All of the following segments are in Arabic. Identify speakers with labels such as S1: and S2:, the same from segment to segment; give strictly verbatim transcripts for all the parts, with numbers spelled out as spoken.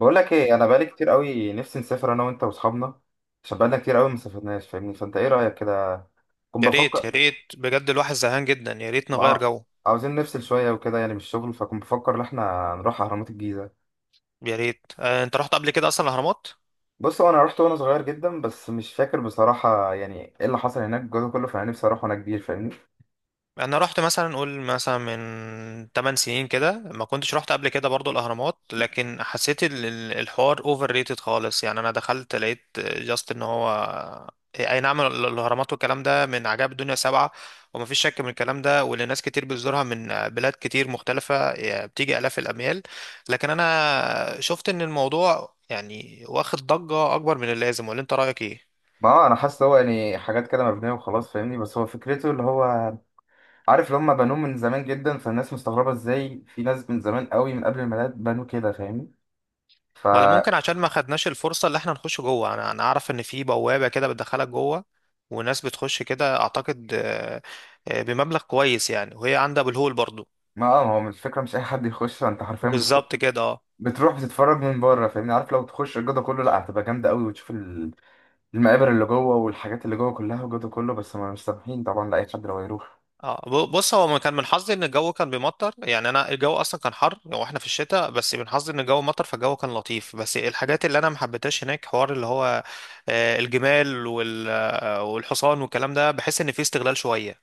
S1: بقول لك ايه، انا بقالي كتير قوي نفسي نسافر انا وانت واصحابنا عشان بقالنا كتير قوي ما سافرناش، فاهمني؟ فانت ايه رايك كده؟ كنت
S2: يا ريت يا
S1: بفكر.
S2: ريت بجد الواحد زهقان جدا، يا ريت نغير
S1: اه،
S2: جو.
S1: عاوزين نفصل شويه وكده يعني من الشغل، فكنت بفكر ان احنا نروح اهرامات الجيزه.
S2: يا ريت. آه، انت رحت قبل كده اصلا الاهرامات؟
S1: بص، هو انا رحت وانا صغير جدا بس مش فاكر بصراحه يعني ايه اللي حصل هناك الجو ده كله، فانا نفسي اروح وانا كبير، فاهمني؟
S2: انا رحت مثلا، قول مثلا من تمن سنين كده. ما كنتش رحت قبل كده برضو الاهرامات، لكن حسيت ال- ال- الحوار اوفر ريتد خالص. يعني انا دخلت لقيت جاست ان هو إيه، اي نعم، ال- الاهرامات والكلام ده من عجائب الدنيا سبعة، وما فيش شك من الكلام ده، واللي ناس كتير بتزورها من بلاد كتير مختلفة، يعني بتيجي الاف الاميال. لكن انا شفت ان الموضوع يعني واخد ضجة اكبر من اللازم، ولا انت رايك ايه؟
S1: ما هو انا حاسس هو يعني حاجات كده مبنيه وخلاص، فاهمني؟ بس هو فكرته اللي هو عارف اللي هم بنوه من زمان جدا، فالناس مستغربه ازاي في ناس من زمان قوي من قبل الميلاد بنوا كده، فاهمني؟ ف
S2: ولا ممكن عشان ما خدناش الفرصة اللي احنا نخش جوه. انا انا اعرف ان في بوابة كده بتدخلك جوه، وناس بتخش كده اعتقد. آه. آه، بمبلغ كويس يعني، وهي عندها بالهول برضو.
S1: ما اه ما هو مش فكرة مش أي حد يخش، أنت حرفيا بتخش،
S2: بالظبط كده، اه.
S1: بتروح بتتفرج من بره، فاهمني؟ عارف لو تخش الجدول كله لا، هتبقى جامدة قوي، وتشوف ال- المقابر اللي جوه والحاجات اللي جوه كلها والجدول كله، بس ما مش سامحين طبعا لأي حد لو يروح.
S2: اه، ب- بص هو كان من حظي ان الجو كان بيمطر. يعني انا الجو اصلا كان حر واحنا في الشتاء، بس من حظي ان الجو مطر، فالجو كان لطيف. بس الحاجات اللي انا ما حبيتهاش هناك حوار اللي هو آه، الجمال وال- آه، والحصان والكلام ده، بحس ان فيه استغلال شوية.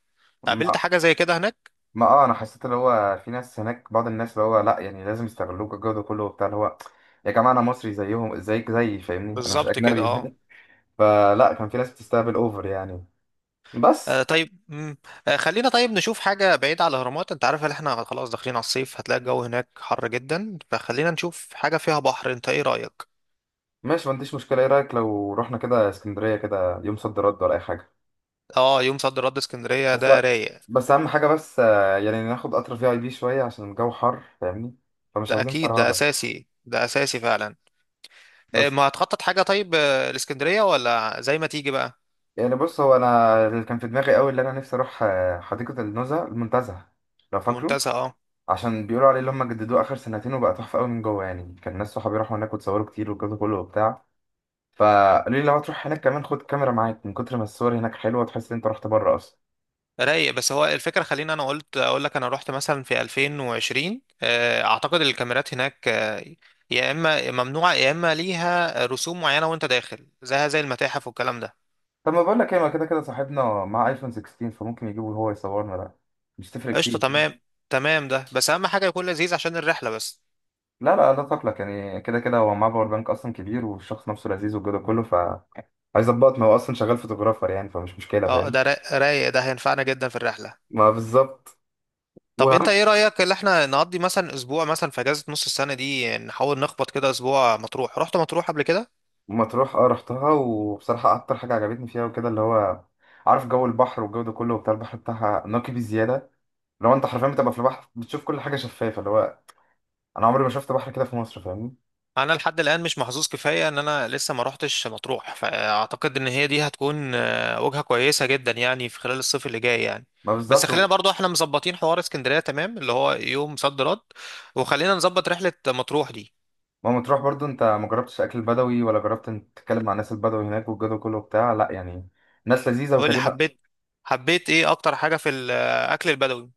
S2: قابلت
S1: ما
S2: حاجة زي كده هناك؟
S1: ما اه أنا حسيت اللي هو في ناس هناك، بعض الناس اللي هو لا يعني لازم يستغلوك الجدول كله وبتاع اللي هو، يا جماعة أنا مصري زيهم، زيك زيي، فاهمني؟ أنا مش
S2: بالظبط كده،
S1: أجنبي
S2: اه.
S1: فلا، كان في ناس بتستقبل أوفر يعني. بس
S2: آه طيب. مم. آه خلينا طيب نشوف حاجة بعيدة على الأهرامات. أنت عارف إن إحنا خلاص داخلين على الصيف، هتلاقي الجو هناك حر جدا، فخلينا نشوف حاجة فيها بحر. أنت إيه رأيك؟
S1: ماشي، ما عنديش مشكلة. إيه رأيك لو رحنا كده اسكندرية كده يوم صد رد ولا أي حاجة؟
S2: آه، يوم صد رد اسكندرية
S1: بس
S2: ده رايق.
S1: بس اهم حاجه بس آه، يعني ناخد قطر في اي بي شويه عشان الجو حر، فاهمني؟ فمش
S2: ده
S1: عاوزين
S2: أكيد، ده
S1: فرهده.
S2: أساسي، ده أساسي فعلا. آه،
S1: بس
S2: ما هتخطط حاجة طيب؟ آه، الإسكندرية ولا زي ما تيجي بقى؟
S1: يعني بص، هو انا اللي كان في دماغي قوي اللي انا نفسي اروح آه، حديقه النزهه المنتزه، لو فاكره.
S2: منتزه، آه.
S1: عشان بيقولوا عليه اللي هم جددوه اخر سنتين وبقى تحفه قوي من جوه يعني. كان ناس صحابي راحوا هناك وتصوروا كتير والجو ده كله وبتاع، فقالوا لي لو هتروح هناك كمان خد كاميرا معاك، من كتر ما الصور هناك حلوه تحس ان انت رحت بره اصلا.
S2: رايق. بس هو الفكرة، خليني انا قلت اقول لك، انا رحت مثلا في ألفين وعشرين. آه، اعتقد الكاميرات هناك آه، يا اما ممنوعة يا اما ليها رسوم معينة، وانت داخل زيها زي المتاحف والكلام ده.
S1: طب ما بقول لك ايه، ما كده كده صاحبنا مع ايفون ستاشر، فممكن يجيبه هو يصورنا ده، مش تفرق
S2: قشطة،
S1: كتير.
S2: تمام. تمام ده، بس اهم حاجة يكون لذيذ عشان الرحلة بس.
S1: لا لا لا، تقلق يعني كده كده هو معاه باور بانك اصلا كبير والشخص نفسه لذيذ والجو ده كله. ف عايز اضبط، ما هو اصلا شغال فوتوغرافر يعني، فمش مشكله،
S2: اه
S1: فاهم؟
S2: ده را- رايق، ده هينفعنا جدا في الرحلة.
S1: ما بالظبط.
S2: طب انت
S1: وهم
S2: ايه رأيك اللي احنا نقضي مثلا اسبوع، مثلا في اجازة نص السنة دي، نحاول نخبط كده اسبوع مطروح. رحت مطروح قبل كده؟
S1: مطروح، اه رحتها وبصراحه اكتر حاجه عجبتني فيها وكده اللي هو عارف جو البحر والجو ده كله وبتاع. البحر بتاعها نقي بزياده، لو انت حرفيا بتبقى في البحر بتشوف كل حاجه شفافه اللي هو، انا عمري ما شفت بحر كده في مصر، فاهمني؟
S2: انا لحد الان مش محظوظ كفايه ان انا لسه ما روحتش مطروح، فاعتقد ان هي دي هتكون آه، وجهه كويسه جدا يعني في خلال الصيف اللي جاي يعني.
S1: ما
S2: بس
S1: بالظبط
S2: خلينا
S1: و-
S2: برضو احنا مظبطين حوار اسكندريه، تمام، اللي هو يوم صد رد، وخلينا نظبط رحله مطروح دي.
S1: ما مطروح برضو انت ما جربتش اكل بدوي، ولا جربت انت تتكلم مع الناس البدوي هناك والجو ده كله وبتاع؟ لا يعني ناس لذيذه
S2: قول لي،
S1: وكريمه.
S2: حبيت؟ حبيت ايه اكتر حاجه في الاكل البدوي؟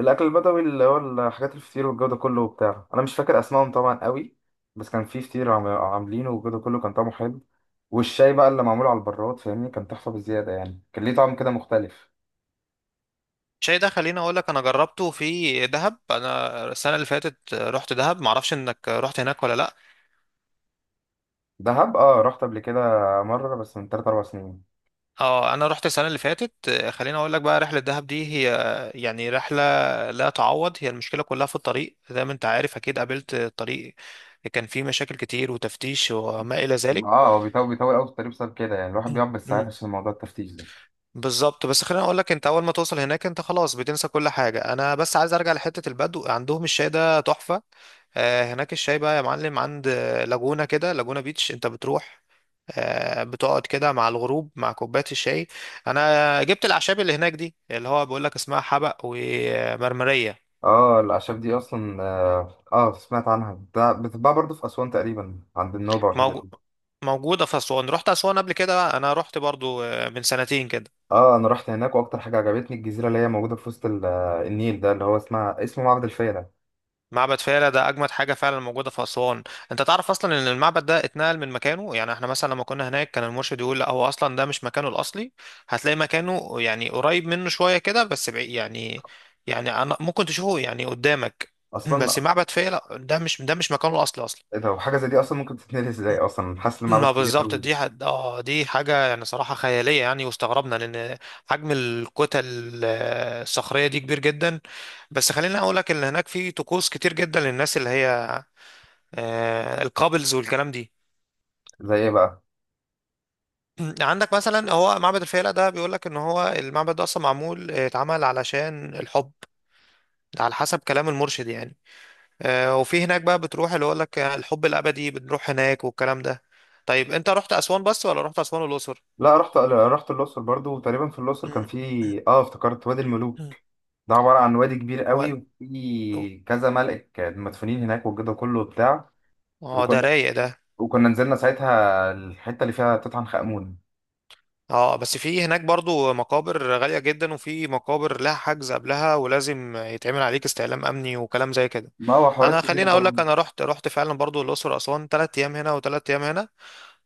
S1: الاكل البدوي اللي هو الحاجات الفطير والجو ده كله وبتاع. انا مش فاكر اسمائهم طبعا قوي، بس كان في فطير عم- عاملينه والجو ده كله كان طعمه حلو. والشاي بقى اللي معمول على البراد، فاهمني؟ كان تحفه بزياده يعني، كان ليه طعم كده مختلف.
S2: شاي ده خليني اقول لك انا جربته في دهب. انا السنه اللي فاتت رحت دهب، معرفش انك رحت هناك ولا لا.
S1: دهب، اه رحت قبل كده مره، بس من تلاتة اربع سنين.
S2: اه انا رحت السنه اللي فاتت. آه، خليني اقول لك بقى، رحله دهب دي هي آه، يعني رحله لا تعوض. هي المشكله كلها في الطريق، زي ما انت عارف اكيد قابلت الطريق. كان فيه مشاكل كتير وتفتيش وما الى ذلك.
S1: اه هو بيطول بيطول قوي في الطريق بسبب كده يعني، الواحد بيقعد بالساعات عشان موضوع التفتيش ده.
S2: بالظبط. بس خليني اقول لك، انت اول ما توصل هناك انت خلاص بتنسى كل حاجه. انا بس عايز ارجع لحته البدو، عندهم الشاي ده تحفه. آه، هناك الشاي بقى يا معلم، عند آه، لاجونا كده، لاجونا بيتش، انت بتروح آه، بتقعد كده مع الغروب مع كوبايه الشاي. انا جبت الاعشاب اللي هناك دي، اللي هو بيقول لك اسمها حبق ومرمريه.
S1: اه الاعشاب دي اصلا، اه، آه، سمعت عنها، ده بتتباع برضه في اسوان تقريبا عند النوبه والحتت.
S2: موجو- موجوده في اسوان؟ رحت اسوان قبل كده؟ انا رحت برضو آه، من سنتين كده.
S1: اه انا رحت هناك، واكتر حاجه عجبتني الجزيره اللي هي موجوده في وسط ال- النيل ده اللي هو اسمها اسمه معبد الفيله.
S2: معبد فيلة ده أجمد حاجة فعلا موجودة في أسوان. أنت تعرف أصلا إن المعبد ده اتنقل من مكانه؟ يعني إحنا مثلا لما كنا هناك كان المرشد يقول لا هو أصلا ده مش مكانه الأصلي. هتلاقي مكانه يعني قريب منه شوية كده، بس بعيد يعني. يعني أنا ممكن تشوفه يعني قدامك. بس
S1: اصلا
S2: معبد فيلة ده مش ده مش مكانه الأصلي أصلا.
S1: لو حاجه زي دي اصلا ممكن تتنقل ازاي؟ اصلا حاسس المعبد
S2: ما
S1: كبير
S2: بالظبط،
S1: قوي.
S2: دي حد اه دي حاجة يعني صراحة خيالية يعني، واستغربنا لأن حجم الكتل آه، الصخرية دي كبير جدا. بس خليني أقول لك إن هناك في طقوس كتير جدا للناس اللي هي آه، الكابلز والكلام دي.
S1: زي ايه بقى؟
S2: عندك مثلا هو معبد الفيلة ده بيقول لك ان هو المعبد ده اصلا معمول، آه، اتعمل علشان الحب. ده على حسب كلام المرشد يعني. آه، وفي هناك بقى بتروح، اللي يقول لك الحب الابدي بنروح هناك والكلام ده. طيب انت رحت اسوان بس ولا رحت اسوان والاقصر؟
S1: لا رحت رحت الاقصر برضو، وتقريبا في الاقصر كان في، اه، افتكرت، وادي الملوك. ده عباره عن وادي كبير
S2: و...
S1: قوي، وفي كذا ملك مدفونين هناك والجدع كله وبتاع.
S2: اه ده
S1: وكنا
S2: رايق ده.
S1: وكنا نزلنا ساعتها الحته اللي فيها تسعة امون.
S2: اه، بس في هناك برضو مقابر غالية جدا، وفي مقابر لها حجز قبلها ولازم يتعمل عليك استعلام امني وكلام زي كده.
S1: ما هو حوارات
S2: انا
S1: كبيره
S2: خليني اقول لك،
S1: طبعا.
S2: انا رحت رحت فعلا برضو الاقصر واسوان، ثلاث ايام هنا وثلاث ايام هنا.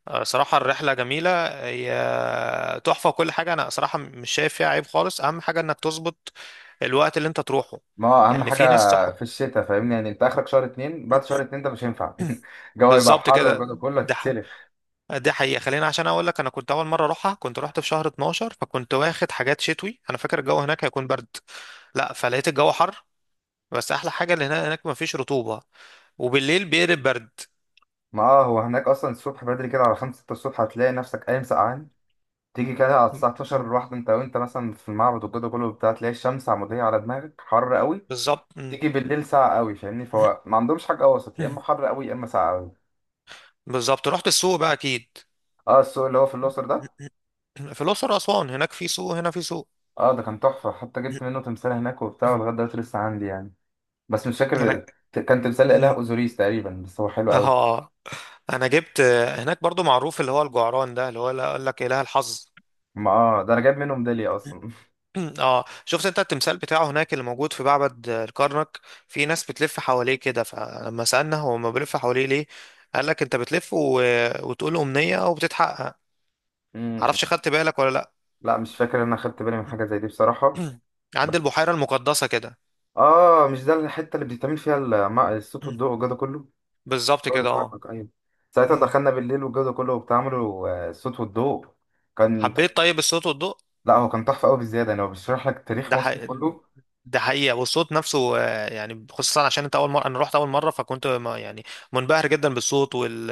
S2: آه، صراحة الرحلة جميلة. هي تحفة وكل حاجة، انا صراحة مش شايف فيها عيب خالص. اهم حاجة انك تظبط الوقت اللي انت تروحه.
S1: ما هو اهم
S2: يعني
S1: حاجه
S2: في ناس تح...
S1: في الشتاء، فاهمني؟ يعني انت اخرك شهر اتنين، بعد شهر اتنين ده مش هينفع. الجو يبقى
S2: بالظبط
S1: حر والجو
S2: كده.
S1: كله
S2: ده
S1: هتتسلف.
S2: دي حقيقة. خلينا، عشان اقول لك، انا كنت اول مرة اروحها كنت رحت في شهر اتناشر، فكنت واخد حاجات شتوي. انا فاكر الجو هناك هيكون برد، لا فلقيت الجو حر. بس احلى حاجة اللي هناك، هناك مفيش رطوبة، وبالليل بيقلب برد.
S1: ما اه هو هناك اصلا الصبح بدري كده على خمسة ستة الصبح هتلاقي نفسك قايم سقعان. تيجي كده على
S2: م-
S1: الساعة اتناشر
S2: م.
S1: الواحدة، انت وانت مثلا في المعبد والجو كله بتاع، تلاقي الشمس عمودية على دماغك حر قوي.
S2: بالظبط، م.
S1: تيجي بالليل ساقع قوي، فاهمني؟ فهو ما عندهمش حاجة وسط، يا اما حر قوي يا اما ساقع قوي.
S2: بالظبط. رحت السوق بقى اكيد؟
S1: اه، السوق اللي هو في الأقصر ده.
S2: في الاقصر واسوان، هناك في سوق، هنا في سوق.
S1: اه ده كان تحفة، حتى جبت منه تمثال هناك وبتاع ولغاية دلوقتي لسه عندي يعني، بس مش
S2: انا.
S1: فاكر. كان تمثال الإله
S2: م.
S1: أوزوريس تقريبا، بس هو حلو قوي.
S2: اه، انا جبت. هناك برضو معروف اللي هو الجعران ده، اللي هو اللي قال لك اله الحظ.
S1: ما اه ده انا جايب منه ميدالية اصلا.
S2: اه، شفت انت التمثال بتاعه هناك اللي موجود في معبد آه، الكرنك؟ في ناس بتلف حواليه كده، فلما سألنا هو ما بيلف حواليه ليه، قال لك انت بتلف و... وتقول أمنية وبتتحقق.
S1: مم.
S2: معرفش خدت بالك ولا لا.
S1: لا مش فاكر ان انا خدت بالي من حاجة زي دي بصراحة.
S2: عند
S1: بس
S2: البحيرة المقدسة كده.
S1: اه، مش ده الحتة اللي بيتعمل فيها الم- الصوت
S2: مم.
S1: والضوء والجو ده كله؟
S2: بالظبط
S1: جودة
S2: كده، اه.
S1: الكرنك، ايوه. ساعتها
S2: مم.
S1: دخلنا بالليل والجو ده كله، وبتعملوا آه، الصوت والضوء. كان
S2: حبيت طيب الصوت والضوء؟
S1: لا هو كان تحفة قوي بالزيادة يعني، هو بيشرح لك تاريخ
S2: ده ح...
S1: مصر كله.
S2: ده حقيقة. والصوت نفسه آه، يعني خصوصا عشان انت اول مرة، انا رحت اول مرة فكنت ما- يعني منبهر جدا بالصوت وال...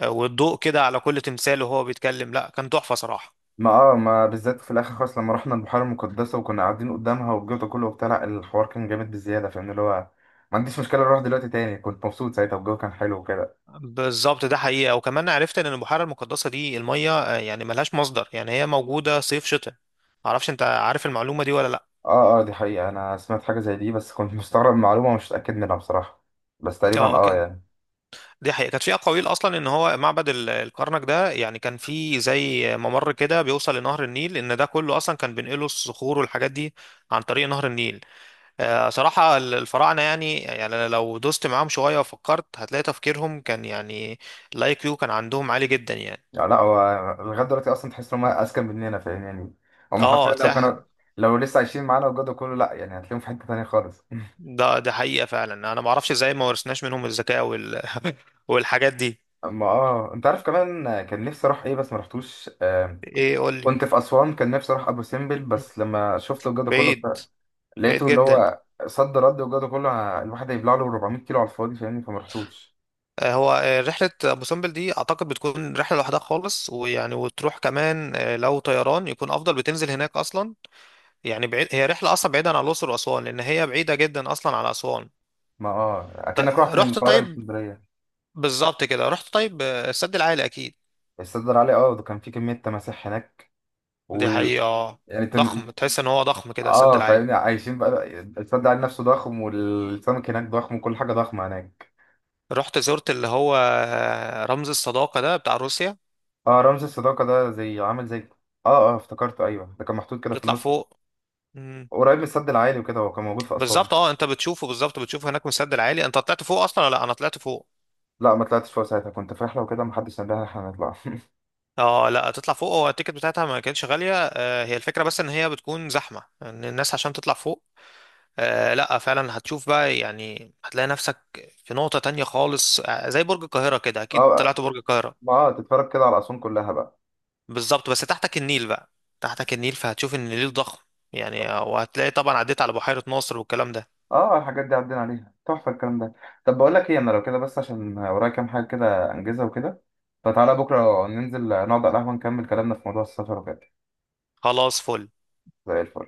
S2: آه، والضوء كده على كل تمثال وهو بيتكلم، لا كان تحفة صراحة.
S1: ما اه ما بالذات في الاخر خالص لما رحنا البحيرة المقدسة وكنا قاعدين قدامها والجو ده كله وبتاع، لا الحوار كان جامد بالزيادة، فاهم اللي هو؟ ما عنديش مشكلة اروح دلوقتي تاني، كنت مبسوط ساعتها والجو كان حلو وكده.
S2: بالظبط. ده حقيقة. وكمان عرفت ان البحيرة المقدسة دي المية آه، يعني ملهاش مصدر، يعني هي موجودة صيف شتاء. معرفش انت عارف المعلومة دي ولا لا.
S1: اه اه دي حقيقة، انا سمعت حاجة زي دي بس كنت مستغرب من المعلومة ومش متأكد منها بصراحة، بس تقريبا
S2: اه
S1: اه
S2: كان-
S1: يعني.
S2: دي حقيقة. كانت في اقاويل اصلا ان هو معبد ال- الكرنك ده يعني كان في زي ممر كده بيوصل لنهر النيل، ان ده كله اصلا كان بينقلوا الصخور والحاجات دي عن طريق نهر النيل. آه، صراحة ال- الفراعنة، يعني يعني لو دوست معاهم شوية وفكرت هتلاقي تفكيرهم كان يعني الاي كيو كان عندهم عالي جدا يعني.
S1: يعني لا هو لغاية دلوقتي اصلا تحس ان هم اذكى مننا، فاهم يعني؟ هم حرفيا
S2: اه
S1: لو كانوا،
S2: تلاقي.
S1: لو لسه عايشين معانا وجدوا كله، لا يعني هتلاقيهم في حتة تانية خالص
S2: ده ده حقيقة فعلا. انا ما اعرفش ازاي ما ورثناش منهم الذكاء وال... والحاجات دي.
S1: اما اه انت عارف كمان كان نفسي اروح ايه بس ما رحتوش آه.
S2: ايه، قول لي.
S1: كنت في اسوان كان نفسي اروح ابو سمبل، بس لما شفت وجدوا كله
S2: بعيد.
S1: بتاع-
S2: بعيد
S1: لقيته اللي
S2: جدا.
S1: هو صد رد وجدوا كله، ه- الواحد هيبلع له اربعمية كيلو على الفاضي، فاهمني؟ فما رحتوش.
S2: آه، هو آه، رحلة أبو سمبل دي أعتقد بتكون رحلة لوحدها خالص، ويعني وتروح كمان آه، لو طيران يكون أفضل، بتنزل هناك أصلا. يعني بعيد، هي رحلة أصلا بعيدة عن الأقصر وأسوان، لأن هي بعيدة جدا أصلا عن أسوان.
S1: ما اه
S2: ط-
S1: اكنك رحت من
S2: رحت
S1: القاهرة
S2: طيب.
S1: لاسكندرية.
S2: بالظبط كده. رحت طيب آه، السد العالي أكيد؟
S1: الصدر عليه، اه ده كان في كمية تماسيح هناك.
S2: دي
S1: وال
S2: حقيقة.
S1: يعني تم...
S2: ضخم، تحس إن هو ضخم كده السد
S1: اه
S2: العالي.
S1: فاهمني عايشين بقى. الصدر عليه نفسه ضخم والسمك هناك ضخم، وكل حاجة ضخمة هناك.
S2: رحت زرت اللي هو رمز الصداقة ده بتاع روسيا؟
S1: اه رمز الصداقة ده زي عامل زي، اه اه افتكرته، ايوه ده كان محطوط كده في
S2: تطلع
S1: النص،
S2: فوق. مم.
S1: قريب من السد العالي وكده، هو كان موجود في أسوان.
S2: بالظبط، اه. انت بتشوفه بالظبط، بتشوفه هناك من السد العالي. انت طلعت فوق اصلا ولا لا؟ انا طلعت فوق.
S1: لا ما طلعتش فوق، ساعتها كنت في رحلة وكده محدش نبهني احنا هنطلع.
S2: اه لا، تطلع فوق. هو التيكت بتاعتها ما كانتش غالية. آه، هي الفكرة بس ان هي بتكون زحمة ان الناس عشان تطلع فوق. آه لا، فعلا هتشوف بقى يعني، هتلاقي نفسك في نقطة تانية خالص. آه زي برج القاهرة كده، اكيد
S1: اه،
S2: طلعت برج
S1: ما
S2: القاهرة.
S1: اه تتفرج كده على أسوان كلها بقى.
S2: بالظبط، بس تحتك النيل بقى. تحتك النيل، فهتشوف ان النيل ضخم. يعني آه، وهتلاقي طبعا عديت على بحيرة ناصر والكلام ده.
S1: اه الحاجات دي عدينا عليها تحفة الكلام ده. طب بقول لك ايه، انا لو كده بس عشان ورايا كام حاجة كده انجزها وكده، فتعالى بكرة ننزل نقعد على القهوة نكمل كلامنا في موضوع السفر وكده.
S2: خلاص، فل.
S1: زي الفل.